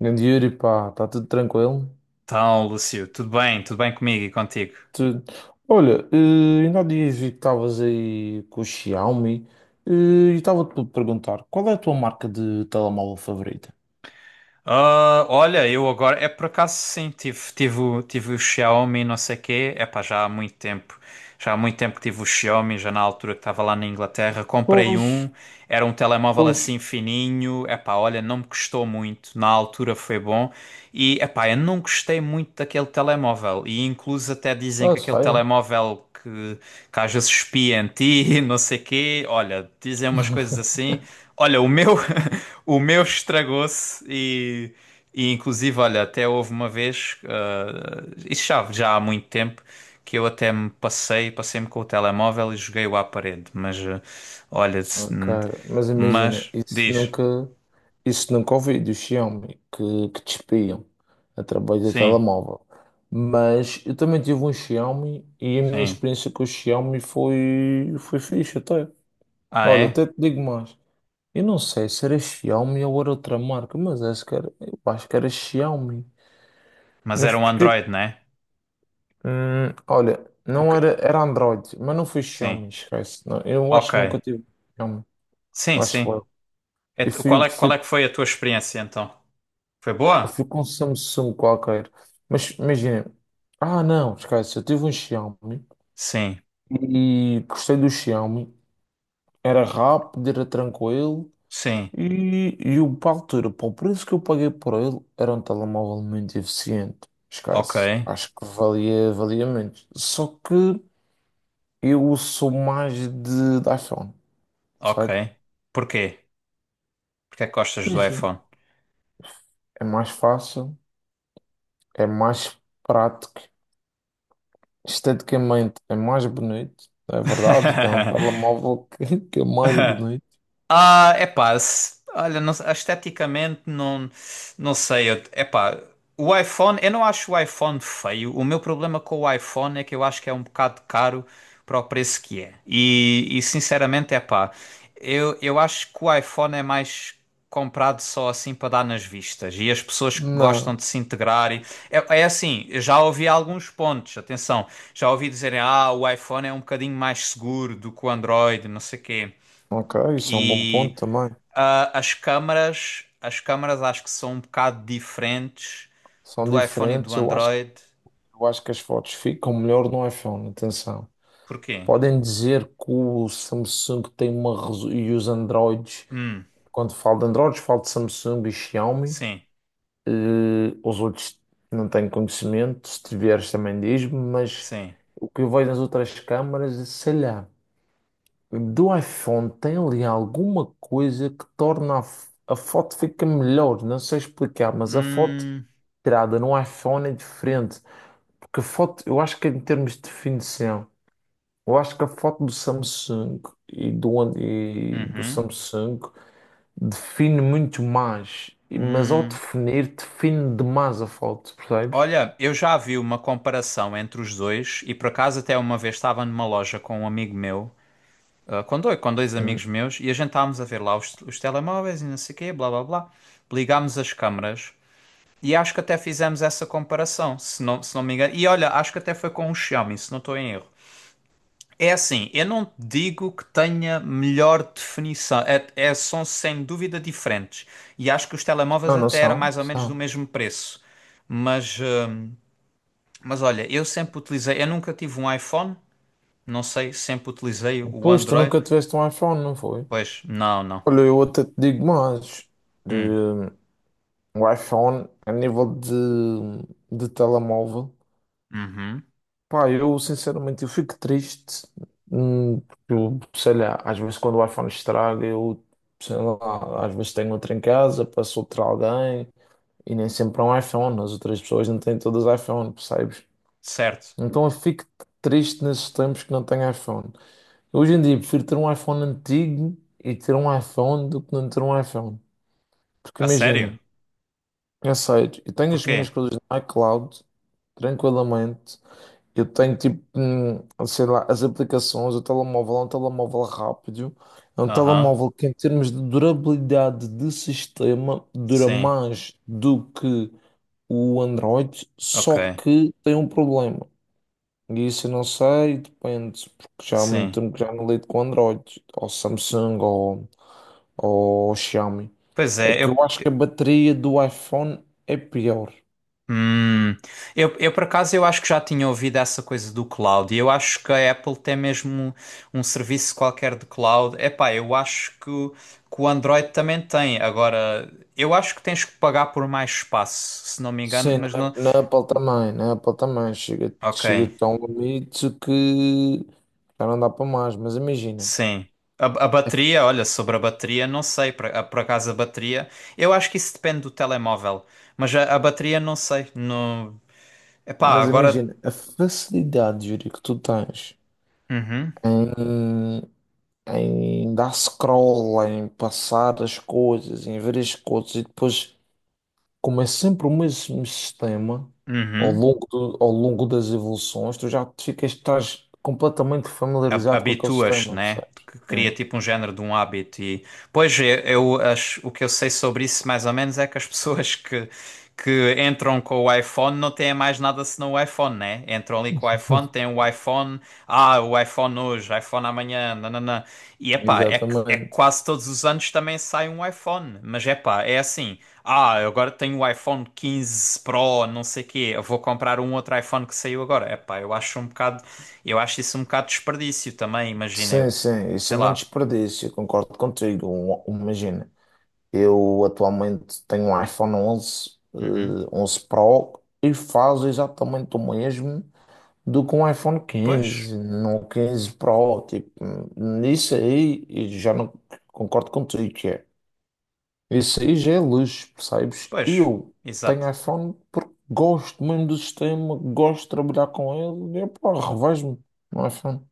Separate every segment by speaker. Speaker 1: Grande Yuri, pá, está tudo tranquilo?
Speaker 2: Então, Lúcio, tudo bem? Tudo bem comigo e contigo?
Speaker 1: Tu- Olha, ainda há dias vi que estavas aí com o Xiaomi eh, e estava-te a perguntar qual é a tua marca de telemóvel favorita?
Speaker 2: Ah, olha, eu agora, é por acaso sim, tive o Xiaomi não sei quê, é pá, já há muito tempo. Já há muito tempo que tive o Xiaomi, já na altura que estava lá na Inglaterra. Comprei
Speaker 1: Pois,
Speaker 2: um, era um telemóvel
Speaker 1: pois.
Speaker 2: assim fininho. Epá, olha, não me custou muito. Na altura foi bom. E epá, eu não gostei muito daquele telemóvel. E incluso até dizem
Speaker 1: Ah,
Speaker 2: que aquele
Speaker 1: sério?
Speaker 2: telemóvel que às vezes espia em ti, não sei quê. Olha, dizem umas coisas assim. Olha, o meu, o meu estragou-se e inclusive, olha, até houve uma vez, isso já, há muito tempo, que eu até me passei, passei-me com o telemóvel e joguei-o à parede. Mas, olha,
Speaker 1: Ok, mas imagina,
Speaker 2: mas,
Speaker 1: isso
Speaker 2: diz,
Speaker 1: nunca, isso nunca ouvi do Xiaomi que te espiam através do
Speaker 2: sim,
Speaker 1: telemóvel. Mas eu também tive um Xiaomi e a minha
Speaker 2: sim.
Speaker 1: experiência com o Xiaomi foi fixe até.
Speaker 2: Ah,
Speaker 1: Olha, até
Speaker 2: é?
Speaker 1: te digo mais. Eu não sei se era Xiaomi ou era outra marca, mas eu acho que era Xiaomi.
Speaker 2: Mas
Speaker 1: Mas
Speaker 2: era um
Speaker 1: porque,
Speaker 2: Android, não é?
Speaker 1: olha,
Speaker 2: O
Speaker 1: não
Speaker 2: que-
Speaker 1: era, era Android, mas não foi
Speaker 2: Sim,
Speaker 1: Xiaomi, esquece. Não, eu acho
Speaker 2: ok.
Speaker 1: que nunca tive Xiaomi,
Speaker 2: Sim,
Speaker 1: acho
Speaker 2: sim.
Speaker 1: eu. Eu fui, eu
Speaker 2: Qual
Speaker 1: fui,
Speaker 2: é que foi a tua experiência então? Foi
Speaker 1: eu
Speaker 2: boa?
Speaker 1: fui com um Samsung qualquer. Mas imagina, ah não, esquece, eu tive um Xiaomi
Speaker 2: Sim,
Speaker 1: e gostei do Xiaomi. Era rápido, era tranquilo.
Speaker 2: sim.
Speaker 1: E o para a altura, para o preço que eu paguei por ele, era um telemóvel muito eficiente.
Speaker 2: Ok,
Speaker 1: Esquece. Acho que valia muito. Só que eu sou mais de iPhone,
Speaker 2: ok.
Speaker 1: percebes?
Speaker 2: Porquê? Porquê é que gostas do
Speaker 1: Imagina,
Speaker 2: iPhone?
Speaker 1: é mais fácil, é mais prático, esteticamente é mais bonito, é verdade. Tem um telemóvel que é mais bonito.
Speaker 2: Ah, é pá, olha, esteticamente não, não sei, é pá, o iPhone, eu não acho o iPhone feio, o meu problema com o iPhone é que eu acho que é um bocado caro para o preço que é, e sinceramente, é pá, eu acho que o iPhone é mais comprado só assim para dar nas vistas, e as pessoas que gostam
Speaker 1: Não,
Speaker 2: de se integrar, e, é assim, eu já ouvi alguns pontos, atenção, já ouvi dizerem, ah, o iPhone é um bocadinho mais seguro do que o Android, não sei o quê,
Speaker 1: ok, isso é um bom ponto também.
Speaker 2: ah, as câmaras acho que são um bocado diferentes
Speaker 1: São
Speaker 2: do iPhone e do
Speaker 1: diferentes. Eu acho,
Speaker 2: Android.
Speaker 1: eu acho que as fotos ficam melhor no iPhone, atenção.
Speaker 2: Porquê?
Speaker 1: Podem dizer que o Samsung tem uma e os Androids,
Speaker 2: Hum,
Speaker 1: quando falo de Androids, falo de Samsung e Xiaomi.
Speaker 2: sim,
Speaker 1: Os outros não tenho conhecimento, se tiveres também diz-me, mas
Speaker 2: sim.
Speaker 1: o que eu vejo nas outras câmaras, sei lá, do iPhone tem ali alguma coisa que torna a foto fica melhor, não sei explicar, mas a foto
Speaker 2: Hum,
Speaker 1: tirada no iPhone é diferente, porque a foto, eu acho que em termos de definição. Eu acho que a foto do Samsung e do
Speaker 2: uhum,
Speaker 1: Samsung define muito mais, mas ao
Speaker 2: hum.
Speaker 1: definir, define demais a foto, percebes?
Speaker 2: Olha, eu já vi uma comparação entre os dois e por acaso até uma vez estava numa loja com um amigo meu, ah, com dois amigos
Speaker 1: Hum.
Speaker 2: meus, e a gente estávamos a ver lá os telemóveis e não sei o quê, blá blá blá. Ligámos as câmaras e acho que até fizemos essa comparação, se não me engano. E olha, acho que até foi com o Xiaomi, se não estou em erro. É assim, eu não digo que tenha melhor definição, são sem dúvida diferentes. E acho que os telemóveis
Speaker 1: Eu não
Speaker 2: até eram
Speaker 1: são,
Speaker 2: mais ou menos do
Speaker 1: são.
Speaker 2: mesmo preço. Mas, hum, mas olha, eu sempre utilizei, eu nunca tive um iPhone, não sei, sempre utilizei o
Speaker 1: Pois, tu
Speaker 2: Android.
Speaker 1: nunca tiveste um iPhone, não foi?
Speaker 2: Pois, não, não.
Speaker 1: Olha, eu até te digo mais. De,
Speaker 2: Hum,
Speaker 1: o iPhone, a nível de telemóvel,
Speaker 2: uhum,
Speaker 1: pá, eu sinceramente eu fico triste, porque eu, sei lá, às vezes quando o iPhone estraga, eu, sei lá, às vezes tenho outro em casa, passo outro a alguém, e nem sempre é um iPhone, as outras pessoas não têm todas iPhone, percebes?
Speaker 2: certo.
Speaker 1: Então eu fico triste nesses tempos que não tenho iPhone. Hoje em dia prefiro ter um iPhone antigo e ter um iPhone do que não ter um iPhone. Porque
Speaker 2: A sério?
Speaker 1: imagina, eu tenho as
Speaker 2: Porquê?
Speaker 1: minhas coisas no iCloud, tranquilamente. Eu tenho tipo, sei lá, as aplicações, o telemóvel é um telemóvel rápido, é um
Speaker 2: Aham,
Speaker 1: telemóvel que em termos de durabilidade de sistema dura
Speaker 2: sim,
Speaker 1: mais do que o Android, só
Speaker 2: ok,
Speaker 1: que tem um problema. E isso eu não sei, depende, porque já há muito
Speaker 2: sim.
Speaker 1: tempo que já não lido com Android, ou Samsung, ou Xiaomi.
Speaker 2: Pois
Speaker 1: É
Speaker 2: é,
Speaker 1: que eu acho que a bateria do iPhone é pior.
Speaker 2: hum, eu por acaso eu acho que já tinha ouvido essa coisa do cloud e eu acho que a Apple tem mesmo um, serviço qualquer de cloud. Epá, eu acho que, que o Android também tem. Agora, eu acho que tens que pagar por mais espaço, se não me engano,
Speaker 1: Sim,
Speaker 2: mas não.
Speaker 1: na Apple também, na Apple também. Chega,
Speaker 2: Ok,
Speaker 1: chega a um limite que já não dá para mais.
Speaker 2: sim. A
Speaker 1: A
Speaker 2: bateria, olha, sobre a bateria, não sei, por acaso a bateria, eu acho que isso depende do telemóvel, mas a bateria não sei. Não. Epá,
Speaker 1: mas
Speaker 2: agora.
Speaker 1: imagina a facilidade, Yuri, que tu tens
Speaker 2: Uhum,
Speaker 1: em, em dar scroll, em passar as coisas, em ver as coisas e depois, como é sempre o mesmo sistema ao
Speaker 2: uhum.
Speaker 1: longo, do- ao longo das evoluções, tu estás completamente familiarizado com aquele
Speaker 2: Habituas,
Speaker 1: sistema,
Speaker 2: né?
Speaker 1: percebes?
Speaker 2: Que cria
Speaker 1: É.
Speaker 2: tipo um género de um hábito e pois eu o que eu sei sobre isso mais ou menos é que as pessoas que entram com o iPhone não têm mais nada senão o iPhone, né? Entram ali com o iPhone, têm o iPhone, ah, o iPhone hoje, iPhone amanhã, nananã. E epá, é que
Speaker 1: Exatamente.
Speaker 2: quase todos os anos também sai um iPhone, mas epá, é assim, ah, eu agora tenho o iPhone 15 Pro, não sei quê, eu vou comprar um outro iPhone que saiu agora. Epá, eu acho um bocado, eu acho isso um bocado desperdício também, imagina, eu,
Speaker 1: Sim, sim, isso
Speaker 2: sei
Speaker 1: é muito
Speaker 2: lá.
Speaker 1: desperdício, eu concordo contigo. Imagina, eu atualmente tenho um iPhone 11 ,
Speaker 2: Uhum.
Speaker 1: 11 Pro, e faz exatamente o mesmo do que um iPhone
Speaker 2: Pois,
Speaker 1: 15 no 15 Pro. Tipo, nisso aí eu já não concordo contigo, que é. Isso aí já é luxo, percebes?
Speaker 2: pois,
Speaker 1: Eu
Speaker 2: exato.
Speaker 1: tenho iPhone porque gosto mesmo do sistema, gosto de trabalhar com ele e pá, revejo-me no iPhone.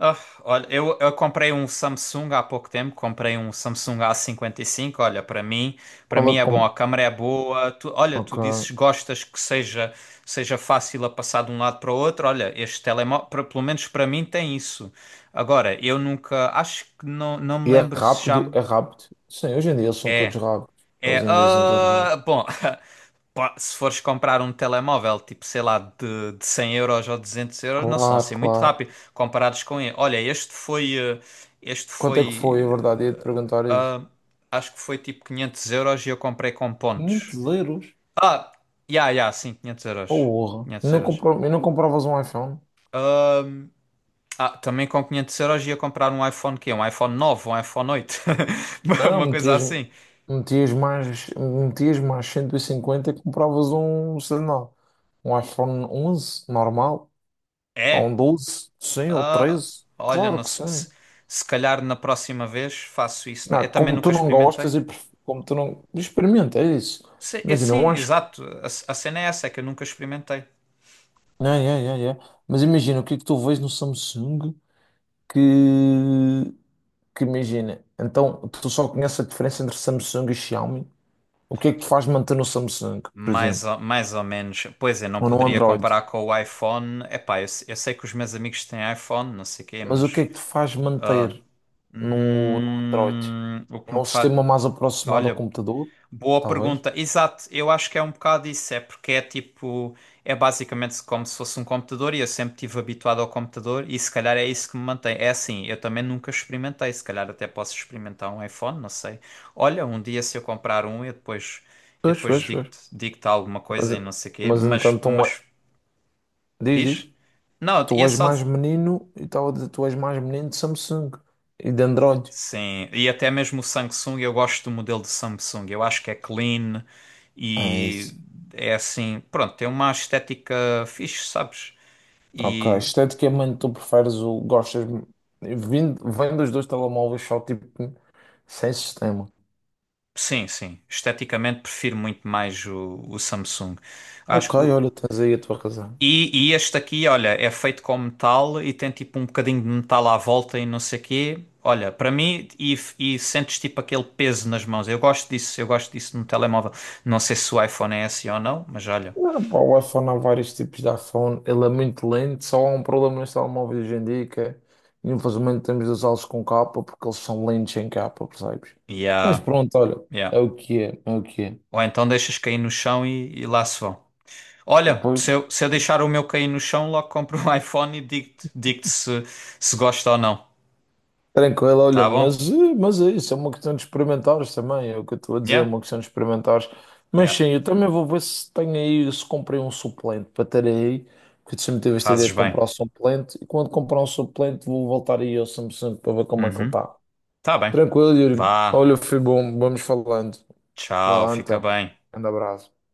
Speaker 2: Ah, olha, eu comprei um Samsung há pouco tempo, comprei um Samsung A55. Olha, para
Speaker 1: Qual
Speaker 2: mim
Speaker 1: é
Speaker 2: é bom,
Speaker 1: que.
Speaker 2: a câmera é boa. Tu, olha, tu
Speaker 1: Ok.
Speaker 2: dizes gostas que seja fácil a passar de um lado para o outro. Olha, este telemóvel, pelo menos para mim tem isso. Agora, eu nunca, acho que não, não me
Speaker 1: E é
Speaker 2: lembro se já
Speaker 1: rápido,
Speaker 2: me-
Speaker 1: é rápido. Sim, hoje em dia eles são todos
Speaker 2: é.
Speaker 1: rápidos. Eles
Speaker 2: É,
Speaker 1: em dia são todos
Speaker 2: ah,
Speaker 1: rápidos.
Speaker 2: bom, Pá, se fores comprar um telemóvel, tipo, sei lá, de 100 euros ou 200 euros, não são
Speaker 1: Claro,
Speaker 2: assim muito
Speaker 1: claro.
Speaker 2: rápido comparados com ele. Olha, este
Speaker 1: Quanto é que foi, a
Speaker 2: foi,
Speaker 1: verdade?
Speaker 2: eh,
Speaker 1: Ia-te perguntar isso.
Speaker 2: acho que foi tipo 500 euros e eu comprei com
Speaker 1: 500
Speaker 2: pontos.
Speaker 1: euros?
Speaker 2: Ah, já, sim, 500 euros.
Speaker 1: Porra.
Speaker 2: quinhentos euros.
Speaker 1: E não compravas um iPhone?
Speaker 2: Ah, também com 500 euros ia comprar um iPhone quê? Um iPhone 9, um iPhone 8. Uma
Speaker 1: Não,
Speaker 2: uma coisa
Speaker 1: metias,
Speaker 2: assim.
Speaker 1: metias mais, metias mais 150 e compravas um, sei lá, um iPhone 11 normal, ou
Speaker 2: É.
Speaker 1: um 12 sim, ou
Speaker 2: Ah,
Speaker 1: 13.
Speaker 2: olha,
Speaker 1: Claro
Speaker 2: não
Speaker 1: que
Speaker 2: sei.
Speaker 1: sim.
Speaker 2: Se calhar na próxima vez faço isso. Não é?
Speaker 1: Não,
Speaker 2: Eu também
Speaker 1: como tu
Speaker 2: nunca
Speaker 1: não gostas
Speaker 2: experimentei.
Speaker 1: e pref- como tu não... Experimenta, é isso.
Speaker 2: Sim,
Speaker 1: Imagina, eu
Speaker 2: sim,
Speaker 1: acho
Speaker 2: exato. A cena é essa, é que eu nunca experimentei.
Speaker 1: Não, é. Mas imagina, o que é que tu vês no Samsung que, que imagina, então tu só conheces a diferença entre Samsung e Xiaomi. O que é que te faz manter no Samsung, por
Speaker 2: Mais
Speaker 1: exemplo,
Speaker 2: ou, mais ou menos. Pois é, não
Speaker 1: ou no
Speaker 2: poderia
Speaker 1: Android?
Speaker 2: comparar com o iPhone. Epá, eu, se- eu sei que os meus amigos têm iPhone, não sei quê,
Speaker 1: Mas o que
Speaker 2: mas.
Speaker 1: é que te faz manter no Android?
Speaker 2: O que
Speaker 1: É
Speaker 2: me
Speaker 1: um
Speaker 2: faz.
Speaker 1: sistema mais aproximado ao
Speaker 2: Olha,
Speaker 1: computador,
Speaker 2: boa
Speaker 1: talvez.
Speaker 2: pergunta. Exato, eu acho que é um bocado isso, é porque é tipo, é basicamente como se fosse um computador e eu sempre estive habituado ao computador e se calhar é isso que me mantém. É assim, eu também nunca experimentei, se calhar até posso experimentar um iPhone, não sei. Olha, um dia se eu comprar um, eu
Speaker 1: Pois,
Speaker 2: depois
Speaker 1: pois, pois.
Speaker 2: digo-te, digo-te alguma
Speaker 1: Mas,
Speaker 2: coisa e não sei quê,
Speaker 1: mas então, tu, é,
Speaker 2: mas
Speaker 1: diz,
Speaker 2: diz?
Speaker 1: diz,
Speaker 2: Não,
Speaker 1: tu
Speaker 2: ia
Speaker 1: és
Speaker 2: só.
Speaker 1: mais menino e tal, tu és mais menino de Samsung e de Android.
Speaker 2: Sim, e até mesmo o Samsung, eu gosto do modelo de Samsung. Eu acho que é clean
Speaker 1: É
Speaker 2: e
Speaker 1: isso.
Speaker 2: é assim, pronto, tem uma estética fixe, sabes?
Speaker 1: Ok,
Speaker 2: E
Speaker 1: esteticamente tu preferes o. Gostas. Vem dos dois telemóveis só tipo sem sistema.
Speaker 2: sim, sim, esteticamente prefiro muito mais o Samsung. Acho
Speaker 1: Ok,
Speaker 2: que o-
Speaker 1: olha, tens aí a tua razão.
Speaker 2: e este aqui, olha, é feito com metal e tem tipo um bocadinho de metal à volta e não sei quê. Olha, para mim, e sentes tipo aquele peso nas mãos. Eu gosto disso no telemóvel. Não sei se o iPhone é assim ou não, mas olha.
Speaker 1: Ah, pá, o iPhone há vários tipos de iPhone, ele é muito lento, só há um problema nos telemóveis hoje em dia que é, infelizmente temos de usá-los com capa porque eles são lentos em capa, percebes? Mas
Speaker 2: Yeah.
Speaker 1: pronto, olha,
Speaker 2: Yeah.
Speaker 1: é o que é, é o que é.
Speaker 2: Ou então deixas cair no chão e lá se vão. Olha,
Speaker 1: Depois
Speaker 2: se eu deixar o meu cair no chão, logo compro um iPhone e digo-te digo-te se, se gosta ou não.
Speaker 1: tranquilo, olha,
Speaker 2: Tá bom?
Speaker 1: mas é isso, é uma questão de experimentares também, é o que eu estou a dizer, é
Speaker 2: Yeah?
Speaker 1: uma questão de experimentares. Mas
Speaker 2: Yeah.
Speaker 1: sim, eu também vou ver se tenho aí, se comprei um suplente para ter aí, porque eu sempre tive esta ideia
Speaker 2: Fazes
Speaker 1: de
Speaker 2: bem.
Speaker 1: comprar um suplente, e quando comprar um suplente vou voltar aí ao Samsung para ver como é que ele
Speaker 2: Uhum.
Speaker 1: está.
Speaker 2: Tá bem.
Speaker 1: Tranquilo, Yuri.
Speaker 2: Vá.
Speaker 1: Olha, foi bom, vamos falando. Vá
Speaker 2: Tchau.
Speaker 1: lá
Speaker 2: Fica
Speaker 1: então,
Speaker 2: bem.
Speaker 1: grande abraço.